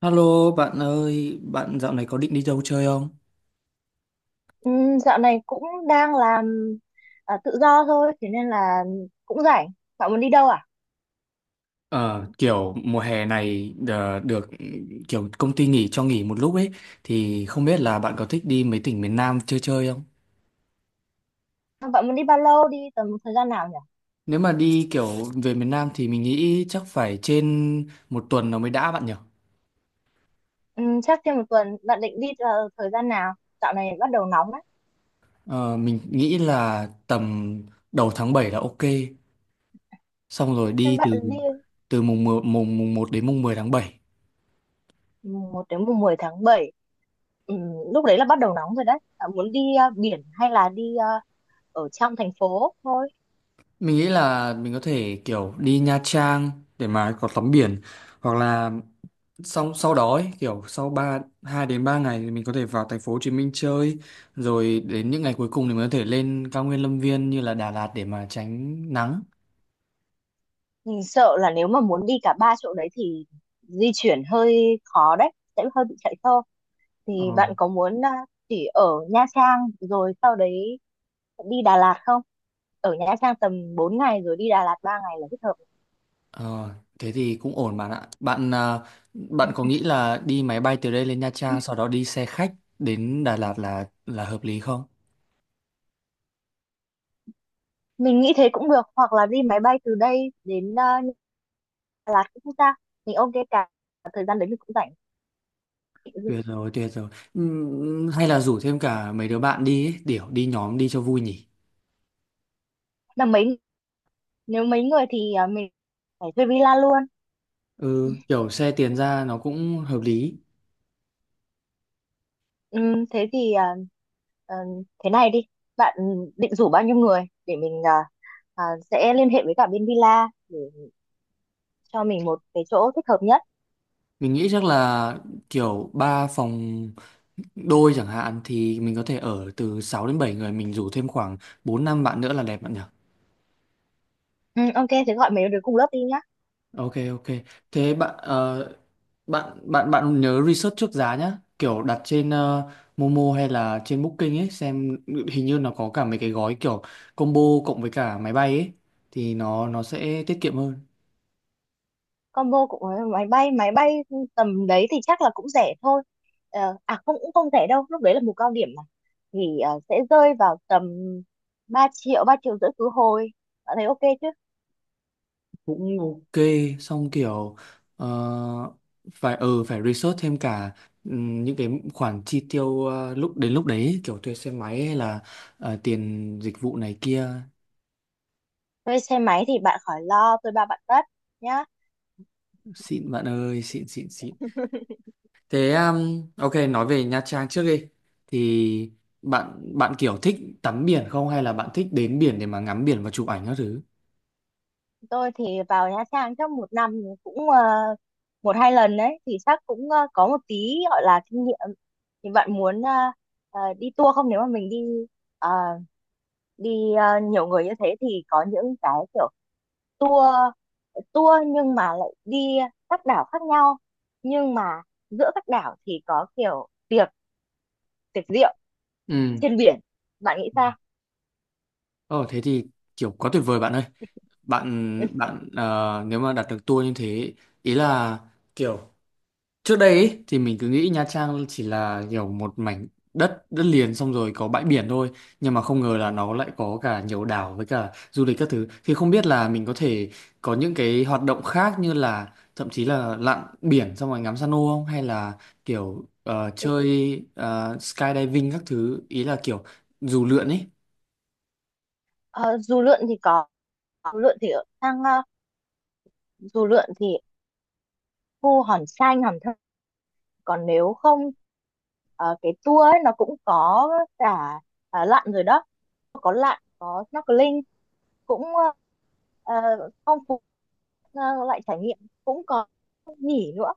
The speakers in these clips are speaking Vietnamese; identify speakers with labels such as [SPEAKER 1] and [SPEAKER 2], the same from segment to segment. [SPEAKER 1] Hello bạn ơi, bạn dạo này có định đi đâu chơi không?
[SPEAKER 2] Dạo này cũng đang làm à, tự do thôi, thế nên là cũng rảnh. Bạn muốn đi đâu à?
[SPEAKER 1] Ờ, kiểu mùa hè này được kiểu công ty nghỉ cho nghỉ một lúc ấy thì không biết là bạn có thích đi mấy tỉnh miền Nam chơi chơi không?
[SPEAKER 2] Bạn muốn đi bao lâu? Đi tầm thời gian nào nhỉ?
[SPEAKER 1] Nếu mà đi kiểu về miền Nam thì mình nghĩ chắc phải trên một tuần nó mới đã bạn nhỉ?
[SPEAKER 2] Chắc trên một tuần. Bạn định đi vào thời gian nào? Dạo này bắt đầu nóng đấy.
[SPEAKER 1] Ờ, mình nghĩ là tầm đầu tháng 7 là ok. Xong rồi
[SPEAKER 2] Nên
[SPEAKER 1] đi
[SPEAKER 2] bạn
[SPEAKER 1] từ
[SPEAKER 2] đi
[SPEAKER 1] từ mùng 1 đến mùng 10 tháng 7.
[SPEAKER 2] mùng 1 đến mùng 10 tháng 7. Ừm, Lúc đấy là bắt đầu nóng rồi đấy. Bạn muốn đi biển hay là đi ở trong thành phố thôi?
[SPEAKER 1] Mình nghĩ là mình có thể kiểu đi Nha Trang để mà có tắm biển hoặc là sau sau đó ấy, kiểu sau 3 2 đến 3 ngày thì mình có thể vào thành phố Hồ Chí Minh chơi, rồi đến những ngày cuối cùng thì mình có thể lên cao nguyên Lâm Viên như là Đà Lạt để mà tránh nắng.
[SPEAKER 2] Mình sợ là nếu mà muốn đi cả ba chỗ đấy thì di chuyển hơi khó đấy, sẽ hơi bị chạy xe. Thì
[SPEAKER 1] Ờ.
[SPEAKER 2] bạn có muốn chỉ ở Nha Trang rồi sau đấy đi Đà Lạt không? Ở Nha Trang tầm 4 ngày rồi đi Đà Lạt 3 ngày là thích hợp.
[SPEAKER 1] Ờ, thế thì cũng ổn bạn ạ. Bạn có nghĩ là đi máy bay từ đây lên Nha Trang sau đó đi xe khách đến Đà Lạt là hợp lý không?
[SPEAKER 2] Mình nghĩ thế cũng được hoặc là đi máy bay từ đây đến Đà Lạt cũng không sao. Mình ok, cả thời gian đấy mình cũng rảnh.
[SPEAKER 1] Tuyệt rồi, tuyệt rồi. Hay là rủ thêm cả mấy đứa bạn đi ấy, để đi nhóm đi cho vui nhỉ.
[SPEAKER 2] Là mấy nếu mấy người thì mình phải thuê villa luôn.
[SPEAKER 1] Ừ, kiểu xe tiền ra nó cũng hợp lý.
[SPEAKER 2] Thế thì à, ờ, thế này đi. Bạn định rủ bao nhiêu người để mình à, sẽ liên hệ với cả bên villa để cho mình một cái chỗ thích hợp nhất.
[SPEAKER 1] Mình nghĩ chắc là kiểu ba phòng đôi chẳng hạn thì mình có thể ở từ 6 đến 7 người, mình rủ thêm khoảng 4 5 bạn nữa là đẹp bạn nhỉ.
[SPEAKER 2] Ừ, ok, thế gọi mấy đứa cùng lớp đi nhá.
[SPEAKER 1] Ok ok, thế bạn bạn bạn nhớ research trước giá nhá, kiểu đặt trên Momo hay là trên Booking ấy xem, hình như nó có cả mấy cái gói kiểu combo cộng với cả máy bay ấy thì nó sẽ tiết kiệm hơn.
[SPEAKER 2] Combo của máy bay tầm đấy thì chắc là cũng rẻ thôi. À không, cũng không rẻ đâu, lúc đấy là mùa cao điểm mà. Thì sẽ rơi vào tầm 3 triệu, 3,5 triệu khứ hồi. Bạn thấy ok chứ?
[SPEAKER 1] Cũng ok. Xong kiểu ờ, phải phải research thêm cả những cái khoản chi tiêu lúc đến lúc đấy ấy, kiểu thuê xe máy hay là tiền dịch vụ này kia.
[SPEAKER 2] Thuê xe máy thì bạn khỏi lo, tôi bao bạn tất nhá.
[SPEAKER 1] Xịn bạn ơi, xịn xịn xịn. Thế ok, nói về Nha Trang trước đi, thì bạn bạn kiểu thích tắm biển không hay là bạn thích đến biển để mà ngắm biển và chụp ảnh các thứ?
[SPEAKER 2] Tôi thì vào Nha Trang chắc một năm cũng một hai lần đấy, thì chắc cũng có một tí gọi là kinh nghiệm. Thì bạn muốn đi tour không? Nếu mà mình đi ờ, đi ờ, nhiều người như thế thì có những cái kiểu tour tour nhưng mà lại đi các đảo khác nhau, nhưng mà giữa các đảo thì có kiểu tiệc tiệc rượu
[SPEAKER 1] Ừ.
[SPEAKER 2] trên biển. Bạn nghĩ sao?
[SPEAKER 1] Ồ thế thì kiểu quá tuyệt vời bạn ơi. Bạn bạn ờ, nếu mà đặt được tour như thế, ý là kiểu trước đây ý, thì mình cứ nghĩ Nha Trang chỉ là kiểu một mảnh đất đất liền xong rồi có bãi biển thôi, nhưng mà không ngờ là nó lại có cả nhiều đảo với cả du lịch các thứ, thì không biết là mình có thể có những cái hoạt động khác như là thậm chí là lặn biển xong rồi ngắm san hô không, hay là kiểu chơi skydiving các thứ, ý là kiểu dù lượn ấy.
[SPEAKER 2] Dù lượn thì có. dù lượn thì ở sang ờ, Dù lượn thì khu Hòn Xanh Hòn Thơm. Còn nếu không, cái tour ấy nó cũng có cả lặn rồi đó. Có lặn có snorkeling, cũng ờ, phong phú, ờ, loại trải nghiệm. Cũng có nghỉ nữa,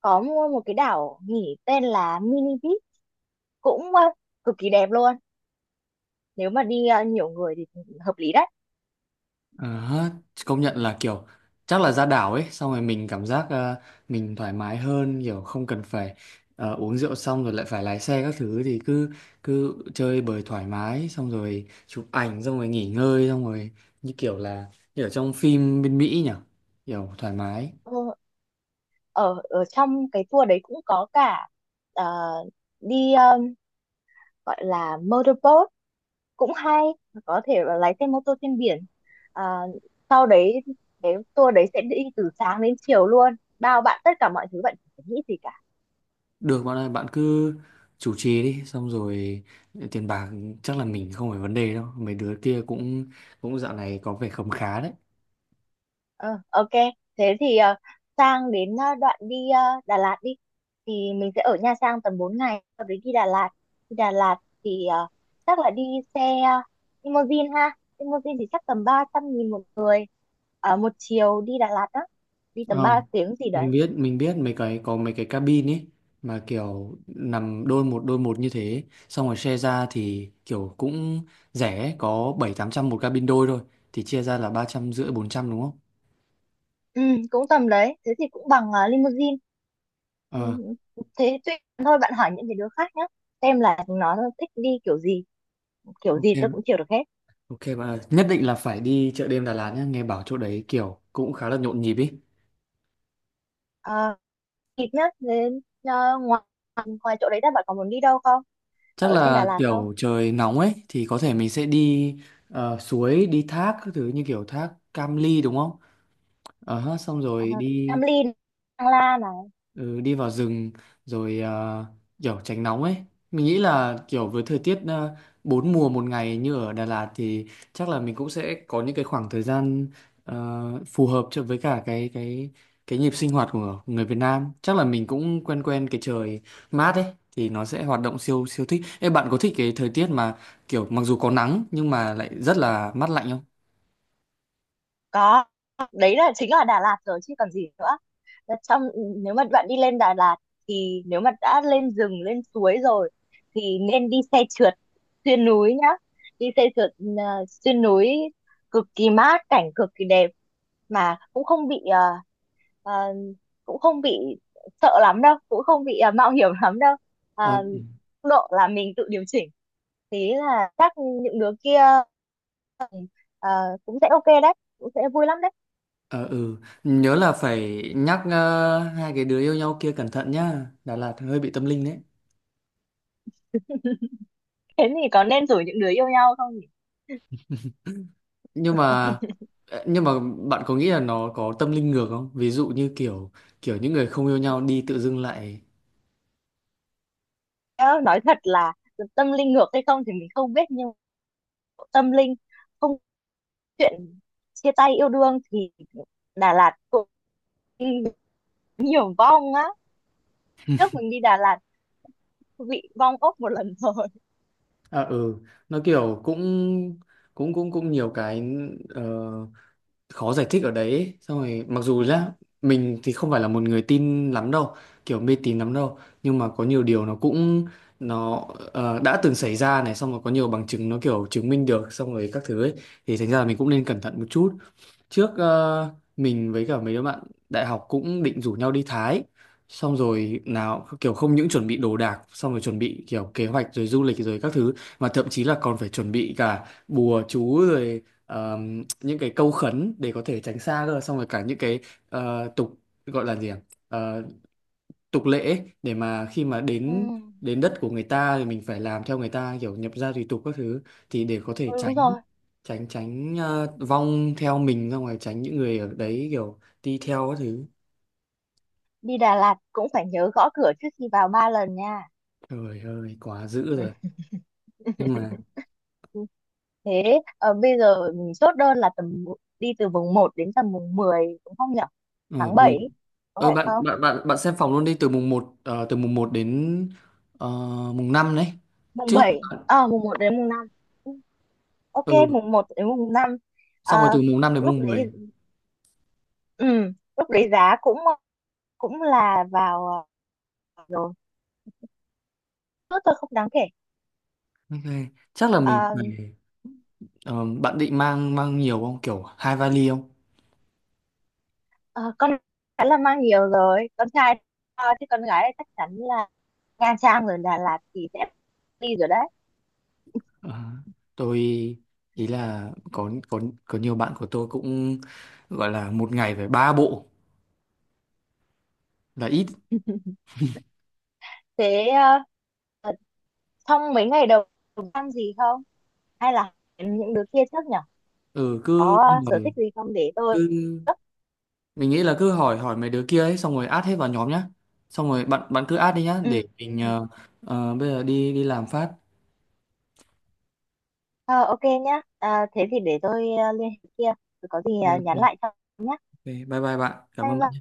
[SPEAKER 2] có mua một cái đảo nghỉ tên là Mini Beach cũng cực kỳ đẹp luôn. Nếu mà đi nhiều người thì hợp lý đấy.
[SPEAKER 1] Ờ, công nhận là kiểu chắc là ra đảo ấy xong rồi mình cảm giác mình thoải mái hơn, kiểu không cần phải uống rượu xong rồi lại phải lái xe các thứ, thì cứ cứ chơi bời thoải mái xong rồi chụp ảnh xong rồi nghỉ ngơi xong rồi, như kiểu là như ở trong phim bên Mỹ nhỉ, kiểu thoải mái.
[SPEAKER 2] Ờ, ở ở trong cái tour đấy cũng có cả ờ, đi ờ, gọi là motorboat cũng hay. Có thể là lái xe mô tô trên biển. à, Sau đấy cái tour đấy sẽ đi từ sáng đến chiều luôn, bao bạn tất cả mọi thứ, bạn chẳng phải nghĩ gì cả.
[SPEAKER 1] Được bạn ơi, bạn cứ chủ trì đi, xong rồi tiền bạc chắc là mình không phải vấn đề đâu, mấy đứa kia cũng cũng dạo này có vẻ khấm khá đấy.
[SPEAKER 2] Ờ, ok, thế thì sang đến đoạn đi Đà Lạt đi. Thì mình sẽ ở Nha Trang tầm 4 ngày, sau đấy đi Đà Lạt thì chắc là đi xe limousine ha, limousine thì chắc tầm 300.000 một người. Một chiều đi Đà Lạt đó, đi tầm 3
[SPEAKER 1] Ờ.
[SPEAKER 2] tiếng gì
[SPEAKER 1] Mình
[SPEAKER 2] đấy.
[SPEAKER 1] biết, mấy cái có mấy cái cabin ấy mà kiểu nằm đôi một như thế xong rồi share ra thì kiểu cũng rẻ, có bảy tám trăm một cabin đôi thôi, thì chia ra là ba trăm rưỡi bốn trăm đúng không?
[SPEAKER 2] Ừ, cũng tầm đấy, thế thì cũng bằng limousine. Ừ,
[SPEAKER 1] Ờ.
[SPEAKER 2] thế thôi bạn hỏi những cái đứa khác nhé, xem là nó thích đi kiểu gì, kiểu gì tôi
[SPEAKER 1] Ok,
[SPEAKER 2] cũng chịu được hết.
[SPEAKER 1] ok bạn ơi. Nhất định là phải đi chợ đêm Đà Lạt nhé, nghe bảo chỗ đấy kiểu cũng khá là nhộn nhịp ý.
[SPEAKER 2] à, Kịp nhá, đến ngoài ngoài chỗ đấy ra bạn còn muốn đi đâu không,
[SPEAKER 1] Chắc
[SPEAKER 2] ở trên Đà
[SPEAKER 1] là
[SPEAKER 2] Lạt không?
[SPEAKER 1] kiểu trời nóng ấy thì có thể mình sẽ đi suối đi thác các thứ, như kiểu thác Cam Ly đúng không, ờ ha, xong
[SPEAKER 2] À,
[SPEAKER 1] rồi
[SPEAKER 2] Cam
[SPEAKER 1] đi.
[SPEAKER 2] Ly, Thăng Lan à?
[SPEAKER 1] Ừ, đi vào rừng rồi kiểu tránh nóng ấy. Mình nghĩ là kiểu với thời tiết bốn mùa một ngày như ở Đà Lạt thì chắc là mình cũng sẽ có những cái khoảng thời gian ờ, phù hợp cho với cả cái nhịp sinh hoạt của người Việt Nam, chắc là mình cũng quen quen cái trời mát ấy thì nó sẽ hoạt động siêu siêu thích. Ê, bạn có thích cái thời tiết mà kiểu mặc dù có nắng nhưng mà lại rất là mát lạnh không?
[SPEAKER 2] Có, đấy là chính là Đà Lạt rồi chứ còn gì nữa. Và trong Nếu mà bạn đi lên Đà Lạt thì nếu mà đã lên rừng lên suối rồi thì nên đi xe trượt xuyên núi nhá. Đi xe trượt ờ, xuyên núi cực kỳ mát, cảnh cực kỳ đẹp, mà cũng không bị ờ, cũng không bị sợ lắm đâu, cũng không bị mạo hiểm lắm đâu. Ờ,
[SPEAKER 1] Ờ.
[SPEAKER 2] Tốc độ là mình tự điều chỉnh, thế là chắc những đứa kia ờ, cũng sẽ ok đấy, cũng sẽ vui lắm đấy.
[SPEAKER 1] Ờ ừ, nhớ là phải nhắc hai cái đứa yêu nhau kia cẩn thận nhá, Đà Lạt hơi bị tâm linh đấy.
[SPEAKER 2] Thế thì có nên rủ những đứa yêu nhau không nhỉ?
[SPEAKER 1] Nhưng mà nhưng mà bạn có nghĩ là nó có tâm linh ngược không? Ví dụ như kiểu kiểu những người không yêu nhau đi tự dưng lại.
[SPEAKER 2] Nhớ, nói thật là tâm linh ngược hay không thì mình không biết, nhưng tâm linh, không, chuyện chia tay yêu đương thì Đà Lạt cũng nhiều vong á. Trước mình đi Đà Lạt bị vong ốc một lần rồi.
[SPEAKER 1] À ừ, nó kiểu cũng cũng cũng cũng nhiều cái ờ, khó giải thích ở đấy ấy. Xong rồi mặc dù là mình thì không phải là một người tin lắm đâu, kiểu mê tín lắm đâu, nhưng mà có nhiều điều nó cũng nó đã từng xảy ra này, xong rồi có nhiều bằng chứng nó kiểu chứng minh được xong rồi các thứ ấy, thì thành ra là mình cũng nên cẩn thận một chút. Trước mình với cả mấy đứa bạn đại học cũng định rủ nhau đi Thái, xong rồi nào kiểu không những chuẩn bị đồ đạc xong rồi chuẩn bị kiểu kế hoạch rồi du lịch rồi các thứ, mà thậm chí là còn phải chuẩn bị cả bùa chú rồi những cái câu khấn để có thể tránh xa cơ, xong rồi cả những cái tục gọi là gì à? Tục lệ ấy, để mà khi mà
[SPEAKER 2] Ừ,
[SPEAKER 1] đến đến đất của người ta thì mình phải làm theo người ta, kiểu nhập gia tùy tục các thứ, thì để có
[SPEAKER 2] ừ,
[SPEAKER 1] thể
[SPEAKER 2] đúng
[SPEAKER 1] tránh
[SPEAKER 2] rồi.
[SPEAKER 1] tránh tránh vong theo mình ra ngoài, tránh những người ở đấy kiểu đi theo các thứ.
[SPEAKER 2] Đi Đà Lạt cũng phải nhớ gõ cửa trước khi vào 3 lần nha.
[SPEAKER 1] Trời ơi quá dữ rồi. Nhưng mà
[SPEAKER 2] Ừ. Thế bây giờ mình chốt đơn là tầm đi từ mùng một đến tầm mùng 10 đúng không nhỉ?
[SPEAKER 1] ờ
[SPEAKER 2] Tháng bảy,
[SPEAKER 1] mùng-
[SPEAKER 2] có phải
[SPEAKER 1] bạn
[SPEAKER 2] không?
[SPEAKER 1] bạn bạn bạn xem phòng luôn đi, từ mùng 1 từ mùng một đến ờ, mùng 5 đấy
[SPEAKER 2] mùng
[SPEAKER 1] trước.
[SPEAKER 2] bảy, ờ mùng một đến mùng 5. Ừ, ok,
[SPEAKER 1] Ừ,
[SPEAKER 2] mùng một đến mùng năm. Ờ,
[SPEAKER 1] xong rồi từ mùng 5 đến
[SPEAKER 2] Lúc
[SPEAKER 1] mùng
[SPEAKER 2] đấy,
[SPEAKER 1] mười.
[SPEAKER 2] ừ, lúc đấy giá cũng cũng là vào rồi. Tốt thôi, không đáng kể.
[SPEAKER 1] Ok, chắc là mình
[SPEAKER 2] Ờ,
[SPEAKER 1] phải bạn định mang mang nhiều không, kiểu hai vali không?
[SPEAKER 2] ờ, con gái là mang nhiều rồi, con trai chứ con gái thì chắc chắn là Nha Trang rồi Đà Lạt thì sẽ đi rồi đấy.
[SPEAKER 1] Ờ, tôi ý là có nhiều bạn của tôi cũng gọi là một ngày phải ba bộ là ít.
[SPEAKER 2] Thế ờ, trong mấy ngày đầu ăn gì không? Hay là những đứa kia trước nhỉ,
[SPEAKER 1] Ừ cứ
[SPEAKER 2] có sở
[SPEAKER 1] hỏi-
[SPEAKER 2] thích gì không để tôi...
[SPEAKER 1] cứ Mình nghĩ là cứ hỏi hỏi mấy đứa kia ấy xong rồi add hết vào nhóm nhá, xong rồi bạn bạn cứ add đi nhá để
[SPEAKER 2] Ừ.
[SPEAKER 1] mình
[SPEAKER 2] Ừ.
[SPEAKER 1] bây giờ đi đi làm phát.
[SPEAKER 2] Ờ, ok nhá. À, thế thì để tôi liên hệ kia. Rồi có gì
[SPEAKER 1] Ok,
[SPEAKER 2] nhắn
[SPEAKER 1] ok.
[SPEAKER 2] lại cho nhé.
[SPEAKER 1] Ok, bye bye bạn, cảm
[SPEAKER 2] Bye
[SPEAKER 1] ơn bạn.
[SPEAKER 2] bye.